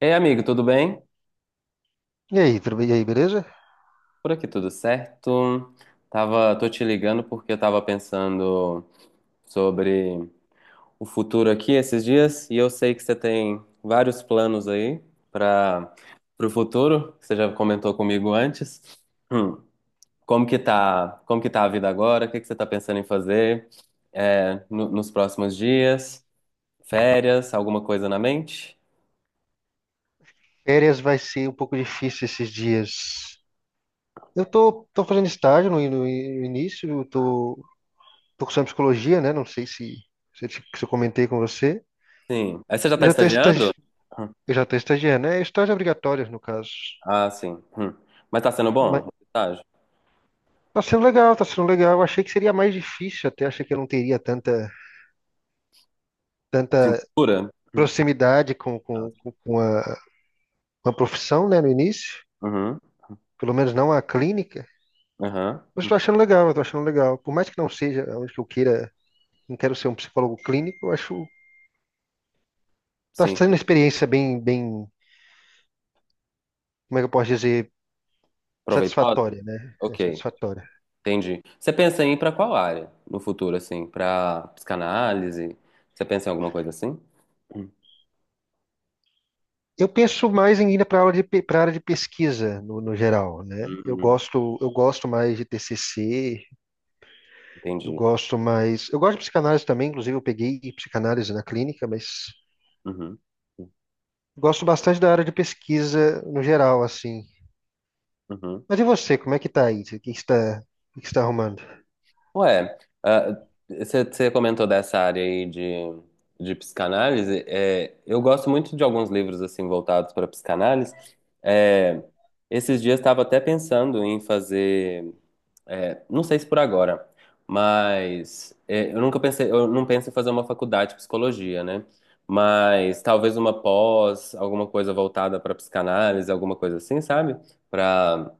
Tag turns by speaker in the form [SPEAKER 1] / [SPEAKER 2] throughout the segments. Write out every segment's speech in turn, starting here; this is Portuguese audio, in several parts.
[SPEAKER 1] Ei, amigo, tudo bem?
[SPEAKER 2] E aí, tudo bem? E aí, beleza?
[SPEAKER 1] Por aqui tudo certo? Tô te ligando porque eu tava pensando sobre o futuro aqui esses dias e eu sei que você tem vários planos aí para o futuro, que você já comentou comigo antes. Hum, como que tá, a vida agora? O que que você tá pensando em fazer nos próximos dias? Férias? Alguma coisa na mente?
[SPEAKER 2] Férias vai ser um pouco difícil esses dias. Eu tô fazendo estágio no início, eu tô cursando psicologia, né? Não sei se, se, eu se eu comentei com você,
[SPEAKER 1] Sim. Aí você já tá
[SPEAKER 2] mas
[SPEAKER 1] estagiando? Hum.
[SPEAKER 2] eu já tô estagiando, né? Estágio obrigatório, no caso.
[SPEAKER 1] Ah, sim. Hum. Mas tá sendo
[SPEAKER 2] Mas
[SPEAKER 1] bom? Tá.
[SPEAKER 2] tá sendo legal, tá sendo legal. Eu achei que seria mais difícil até, achei que eu não teria tanta
[SPEAKER 1] Cintura?
[SPEAKER 2] proximidade
[SPEAKER 1] Ah, ok.
[SPEAKER 2] com a profissão, né, no início,
[SPEAKER 1] Uhum.
[SPEAKER 2] pelo menos não a clínica.
[SPEAKER 1] Aham.
[SPEAKER 2] Mas eu tô achando legal, eu tô achando legal. Por mais que não seja onde que eu queira, não quero ser um psicólogo clínico, eu acho está
[SPEAKER 1] Sim.
[SPEAKER 2] sendo uma experiência como é que eu posso dizer,
[SPEAKER 1] Proveitosa?
[SPEAKER 2] satisfatória, né? É,
[SPEAKER 1] Ok,
[SPEAKER 2] satisfatória.
[SPEAKER 1] entendi. Você pensa em ir pra qual área no futuro, assim? Pra psicanálise? Você pensa em alguma coisa assim? Hum,
[SPEAKER 2] Eu penso mais em ir para área de pesquisa no geral, né?
[SPEAKER 1] hum,
[SPEAKER 2] Eu gosto mais de TCC, eu
[SPEAKER 1] entendi.
[SPEAKER 2] gosto mais, eu gosto de psicanálise também, inclusive eu peguei psicanálise na clínica, mas
[SPEAKER 1] Uhum.
[SPEAKER 2] gosto bastante da área de pesquisa no geral, assim.
[SPEAKER 1] Uhum.
[SPEAKER 2] Mas e você, como é que tá aí? O que está arrumando?
[SPEAKER 1] Ué, ah, você comentou dessa área aí de psicanálise. É, eu gosto muito de alguns livros, assim, voltados para psicanálise. É, esses dias estava até pensando em fazer. É, não sei se por agora, mas é, eu nunca pensei, eu não penso em fazer uma faculdade de psicologia, né? Mas talvez uma pós, alguma coisa voltada para psicanálise, alguma coisa assim, sabe? Para,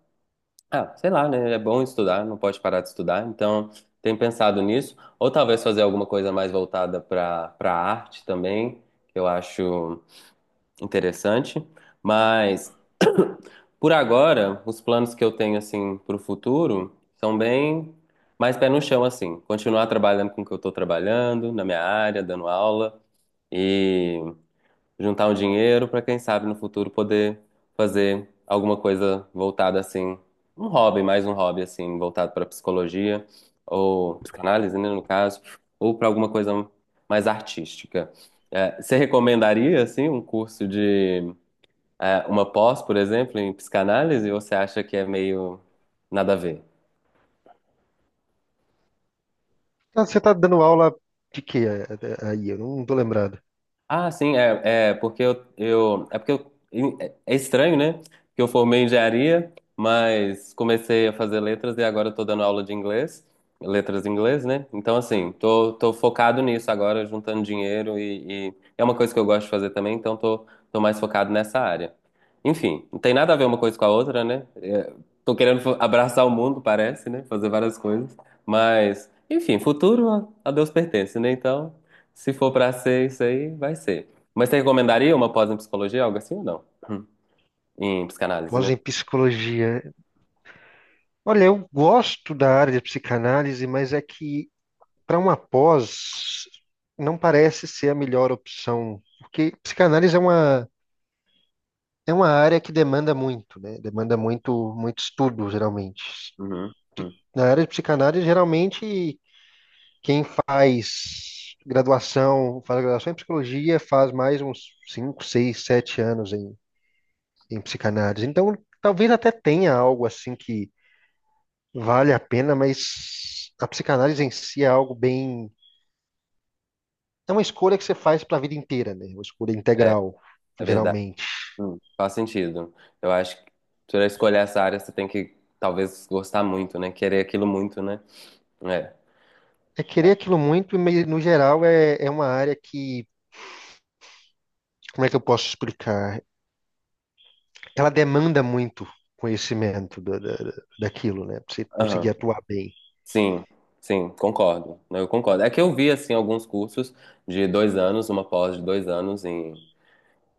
[SPEAKER 1] ah, sei lá, né? É bom estudar, não pode parar de estudar, então tenho pensado nisso. Ou talvez fazer alguma coisa mais voltada para arte também, que eu acho interessante, mas por agora, os planos que eu tenho assim para o futuro são bem mais pé no chão assim, continuar trabalhando com o que eu estou trabalhando na minha área, dando aula e juntar um dinheiro para quem sabe no futuro poder fazer alguma coisa voltada assim, um hobby, mais um hobby assim, voltado para psicologia ou psicanálise, né, no caso, ou para alguma coisa mais artística. É, você recomendaria assim um curso de é, uma pós, por exemplo, em psicanálise, ou você acha que é meio nada a ver?
[SPEAKER 2] Você está dando aula de quê aí? Eu não tô lembrado.
[SPEAKER 1] Ah, sim, é, é porque eu, é porque eu, é estranho, né? Que eu formei em engenharia, mas comecei a fazer letras e agora eu tô dando aula de inglês, letras em inglês, né? Então assim, tô focado nisso agora, juntando dinheiro e é uma coisa que eu gosto de fazer também, então tô mais focado nessa área. Enfim, não tem nada a ver uma coisa com a outra, né? É, tô querendo abraçar o mundo, parece, né? Fazer várias coisas, mas enfim, futuro a Deus pertence, né? Então, se for pra ser isso aí, vai ser. Mas você recomendaria uma pós em psicologia, algo assim ou não? Hum. Em psicanálise, né?
[SPEAKER 2] Pós em psicologia. Olha, eu gosto da área de psicanálise, mas é que para uma pós não parece ser a melhor opção, porque psicanálise é uma área que demanda muito, né? Demanda muito estudo, geralmente.
[SPEAKER 1] Uhum. Hum.
[SPEAKER 2] Na área de psicanálise, geralmente quem faz graduação em psicologia, faz mais uns 5 6 7 anos em psicanálise. Então, talvez até tenha algo assim que vale a pena, mas a psicanálise em si é algo bem. É uma escolha que você faz para a vida inteira, né? Uma escolha
[SPEAKER 1] É,
[SPEAKER 2] integral,
[SPEAKER 1] é verdade.
[SPEAKER 2] geralmente.
[SPEAKER 1] Hum. Faz sentido. Eu acho que para escolher essa área, você tem que talvez gostar muito, né? Querer aquilo muito, né? É.
[SPEAKER 2] É querer aquilo muito, mas no geral é uma área que, como é que eu posso explicar? Ela demanda muito conhecimento daquilo, né? Pra você
[SPEAKER 1] Aham.
[SPEAKER 2] conseguir atuar bem.
[SPEAKER 1] Sim, sim, concordo. Eu concordo. É que eu vi, assim, alguns cursos de 2 anos, uma pós de 2 anos em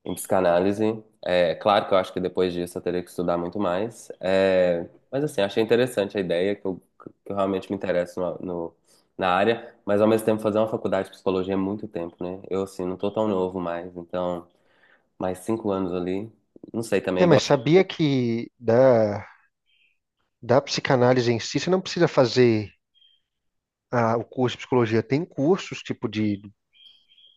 [SPEAKER 1] em psicanálise. É claro que eu acho que depois disso eu teria que estudar muito mais. É, mas assim, achei interessante a ideia, que eu realmente me interesso no, na área, mas ao mesmo tempo fazer uma faculdade de psicologia é muito tempo, né? Eu, assim, não tô tão novo mais, então, mais 5 anos ali, não sei também,
[SPEAKER 2] É,
[SPEAKER 1] igual
[SPEAKER 2] mas
[SPEAKER 1] você...
[SPEAKER 2] sabia que da psicanálise em si, você não precisa fazer o curso de psicologia. Tem cursos,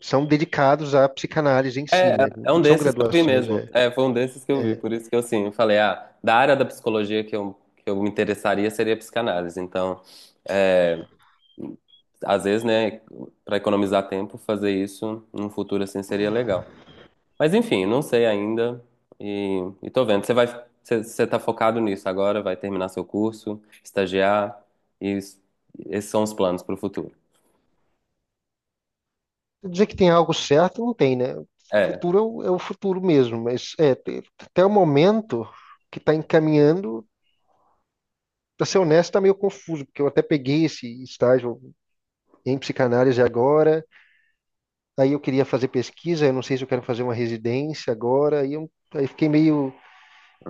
[SPEAKER 2] são dedicados à psicanálise em si,
[SPEAKER 1] É, é
[SPEAKER 2] né?
[SPEAKER 1] é
[SPEAKER 2] Não
[SPEAKER 1] um
[SPEAKER 2] são
[SPEAKER 1] desses que eu vi
[SPEAKER 2] graduações,
[SPEAKER 1] mesmo.
[SPEAKER 2] é.
[SPEAKER 1] É, foi um desses que eu vi,
[SPEAKER 2] É,
[SPEAKER 1] por isso que eu, assim, eu falei, ah, da área da psicologia que eu me interessaria seria a psicanálise, então... às vezes, né, para economizar tempo, fazer isso num futuro assim seria legal. Mas enfim, não sei ainda e tô vendo. Você vai, você, você tá focado nisso agora, vai terminar seu curso, estagiar e esses são os planos para o futuro.
[SPEAKER 2] dizer que tem algo certo, não tem, né? O
[SPEAKER 1] É,
[SPEAKER 2] futuro é o futuro mesmo, mas até o momento que está encaminhando, para ser honesto, está meio confuso, porque eu até peguei esse estágio em psicanálise agora, aí eu queria fazer pesquisa, eu não sei se eu quero fazer uma residência agora, aí fiquei meio,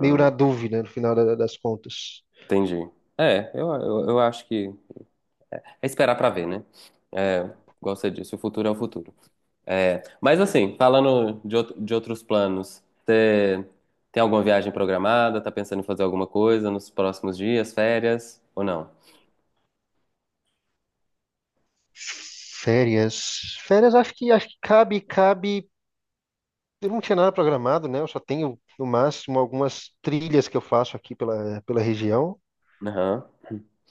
[SPEAKER 2] meio na dúvida no final das contas.
[SPEAKER 1] entendi. É, eu acho que é esperar para ver, né? É, igual você disse, o futuro. É, mas assim, falando de, de outros planos, você tem alguma viagem programada? Tá pensando em fazer alguma coisa nos próximos dias, férias ou não?
[SPEAKER 2] Férias. Férias acho que cabe. Eu não tinha nada programado, né? Eu só tenho, no máximo, algumas trilhas que eu faço aqui pela região.
[SPEAKER 1] Aham.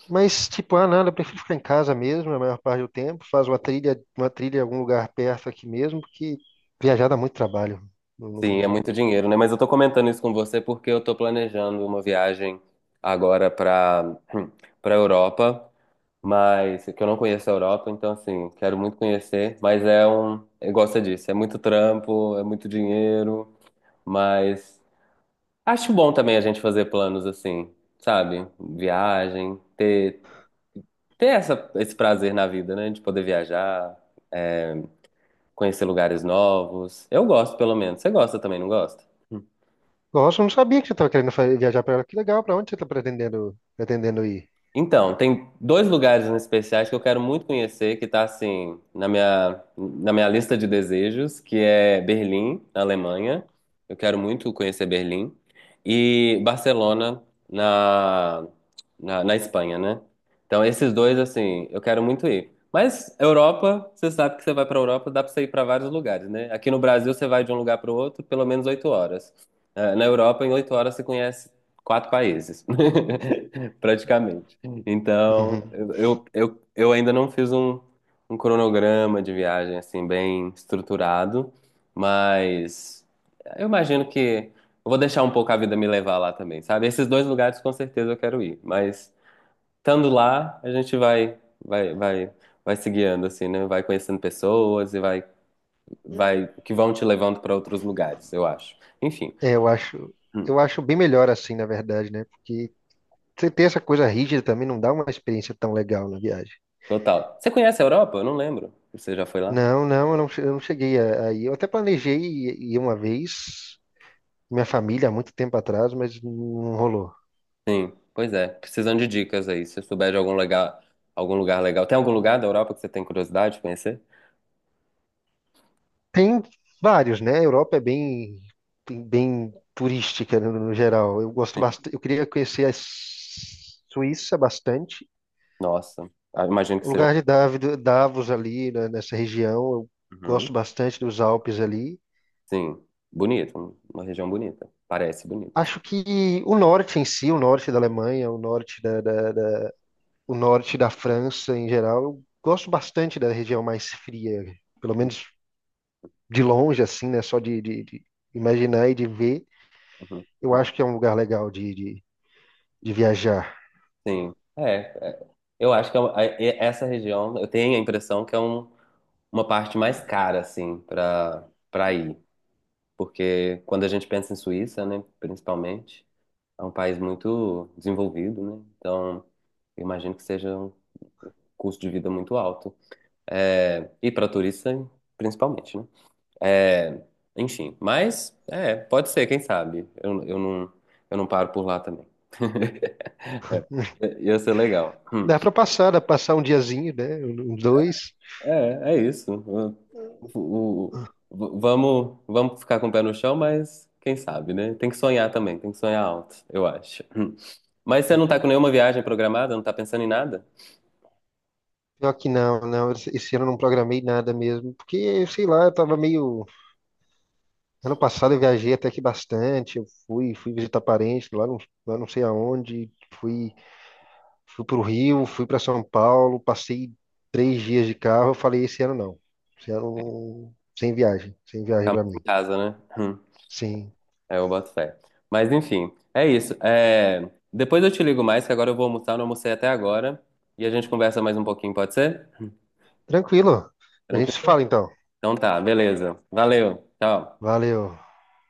[SPEAKER 2] Mas, tipo, ah, nada, eu prefiro ficar em casa mesmo, a maior parte do tempo. Faz uma trilha em algum lugar perto aqui mesmo, porque viajar dá muito trabalho. Não- não-
[SPEAKER 1] Sim, é
[SPEAKER 2] não-
[SPEAKER 1] muito dinheiro, né? Mas eu tô comentando isso com você porque eu tô planejando uma viagem agora pra, pra Europa, mas que eu não conheço a Europa, então assim, quero muito conhecer, mas é um, igual você disse, é muito trampo, é muito dinheiro. Mas acho bom também a gente fazer planos assim, sabe? Viagem, ter essa, esse prazer na vida, né? De poder viajar, conhecer lugares novos. Eu gosto, pelo menos. Você gosta também, não gosta?
[SPEAKER 2] Nossa, eu não sabia que você estava querendo viajar para lá. Que legal, para onde você está pretendendo ir?
[SPEAKER 1] Então, tem dois lugares em especiais que eu quero muito conhecer, que tá assim, na minha lista de desejos, que é Berlim, na Alemanha. Eu quero muito conhecer Berlim. E Barcelona, na, na Espanha, né? Então, esses dois, assim, eu quero muito ir. Mas Europa, você sabe que você vai pra Europa, dá pra você ir pra vários lugares, né? Aqui no Brasil, você vai de um lugar pro outro pelo menos 8 horas. Na Europa, em 8 horas, você conhece quatro países, praticamente. Então,
[SPEAKER 2] Uhum.
[SPEAKER 1] eu ainda não fiz um, um cronograma de viagem assim bem estruturado, mas eu imagino que eu vou deixar um pouco a vida me levar lá também, sabe? Esses dois lugares com certeza eu quero ir, mas estando lá, a gente vai se guiando assim, né? Vai conhecendo pessoas e vai que vão te levando para outros lugares, eu acho. Enfim,
[SPEAKER 2] É,
[SPEAKER 1] hum,
[SPEAKER 2] eu acho bem melhor assim, na verdade, né? Porque você ter essa coisa rígida também não dá uma experiência tão legal na viagem.
[SPEAKER 1] total. Você conhece a Europa? Eu não lembro. Você já foi lá?
[SPEAKER 2] Não, não, eu não, eu não cheguei aí. Eu até planejei ir uma vez, minha família, há muito tempo atrás, mas não rolou.
[SPEAKER 1] Sim, pois é. Precisando de dicas aí. Se souber de algum lugar legal. Tem algum lugar da Europa que você tem curiosidade de conhecer?
[SPEAKER 2] Tem vários, né? A Europa é bem turística no geral. Eu gosto
[SPEAKER 1] Sim.
[SPEAKER 2] bastante, eu queria conhecer a Suíça bastante.
[SPEAKER 1] Nossa, ah, imagino que
[SPEAKER 2] O
[SPEAKER 1] seja.
[SPEAKER 2] lugar de Davos ali, né, nessa região, eu
[SPEAKER 1] Uhum.
[SPEAKER 2] gosto bastante dos Alpes ali.
[SPEAKER 1] Sim, bonito, uma região bonita. Parece bonita.
[SPEAKER 2] Acho que o norte em si, o norte da Alemanha, o norte da França em geral. Eu gosto bastante da região mais fria, pelo menos de longe, assim, né? Só de imaginar e de ver.
[SPEAKER 1] Uhum.
[SPEAKER 2] Eu acho que é um lugar legal de viajar.
[SPEAKER 1] Sim, é, é. Eu acho que é essa região, eu tenho a impressão que é uma parte mais cara, assim, para ir. Porque quando a gente pensa em Suíça, né, principalmente, é um país muito desenvolvido, né? Então, eu imagino que seja um custo de vida muito alto. É, e para turista, principalmente, né? É, enfim, mas é, pode ser, quem sabe? Eu não paro por lá também. É, ia ser legal.
[SPEAKER 2] Dá para passar, dá pra passar um diazinho, né? Um, dois.
[SPEAKER 1] É, é isso. O- vamos ficar com o pé no chão, mas quem sabe, né? Tem que sonhar também, tem que sonhar alto, eu acho. Mas você não tá com nenhuma viagem programada, não tá pensando em nada?
[SPEAKER 2] Pior que não, não. Esse ano eu não programei nada mesmo, porque, sei lá, eu tava meio. Ano passado eu viajei até que bastante. Fui visitar parentes lá não sei aonde. Fui para o Rio, fui para São Paulo, passei 3 dias de carro. Eu falei, esse ano não. Esse ano sem viagem, sem viagem
[SPEAKER 1] Ficar
[SPEAKER 2] para
[SPEAKER 1] mais em
[SPEAKER 2] mim.
[SPEAKER 1] casa, né?
[SPEAKER 2] Sim,
[SPEAKER 1] É, eu boto fé. Mas enfim, é isso. É, depois eu te ligo mais, que agora eu vou almoçar, não almocei até agora. E a gente conversa mais um pouquinho, pode ser?
[SPEAKER 2] tranquilo. A gente se
[SPEAKER 1] Tranquilo?
[SPEAKER 2] fala então.
[SPEAKER 1] Então tá, beleza. Valeu, tchau.
[SPEAKER 2] Valeu.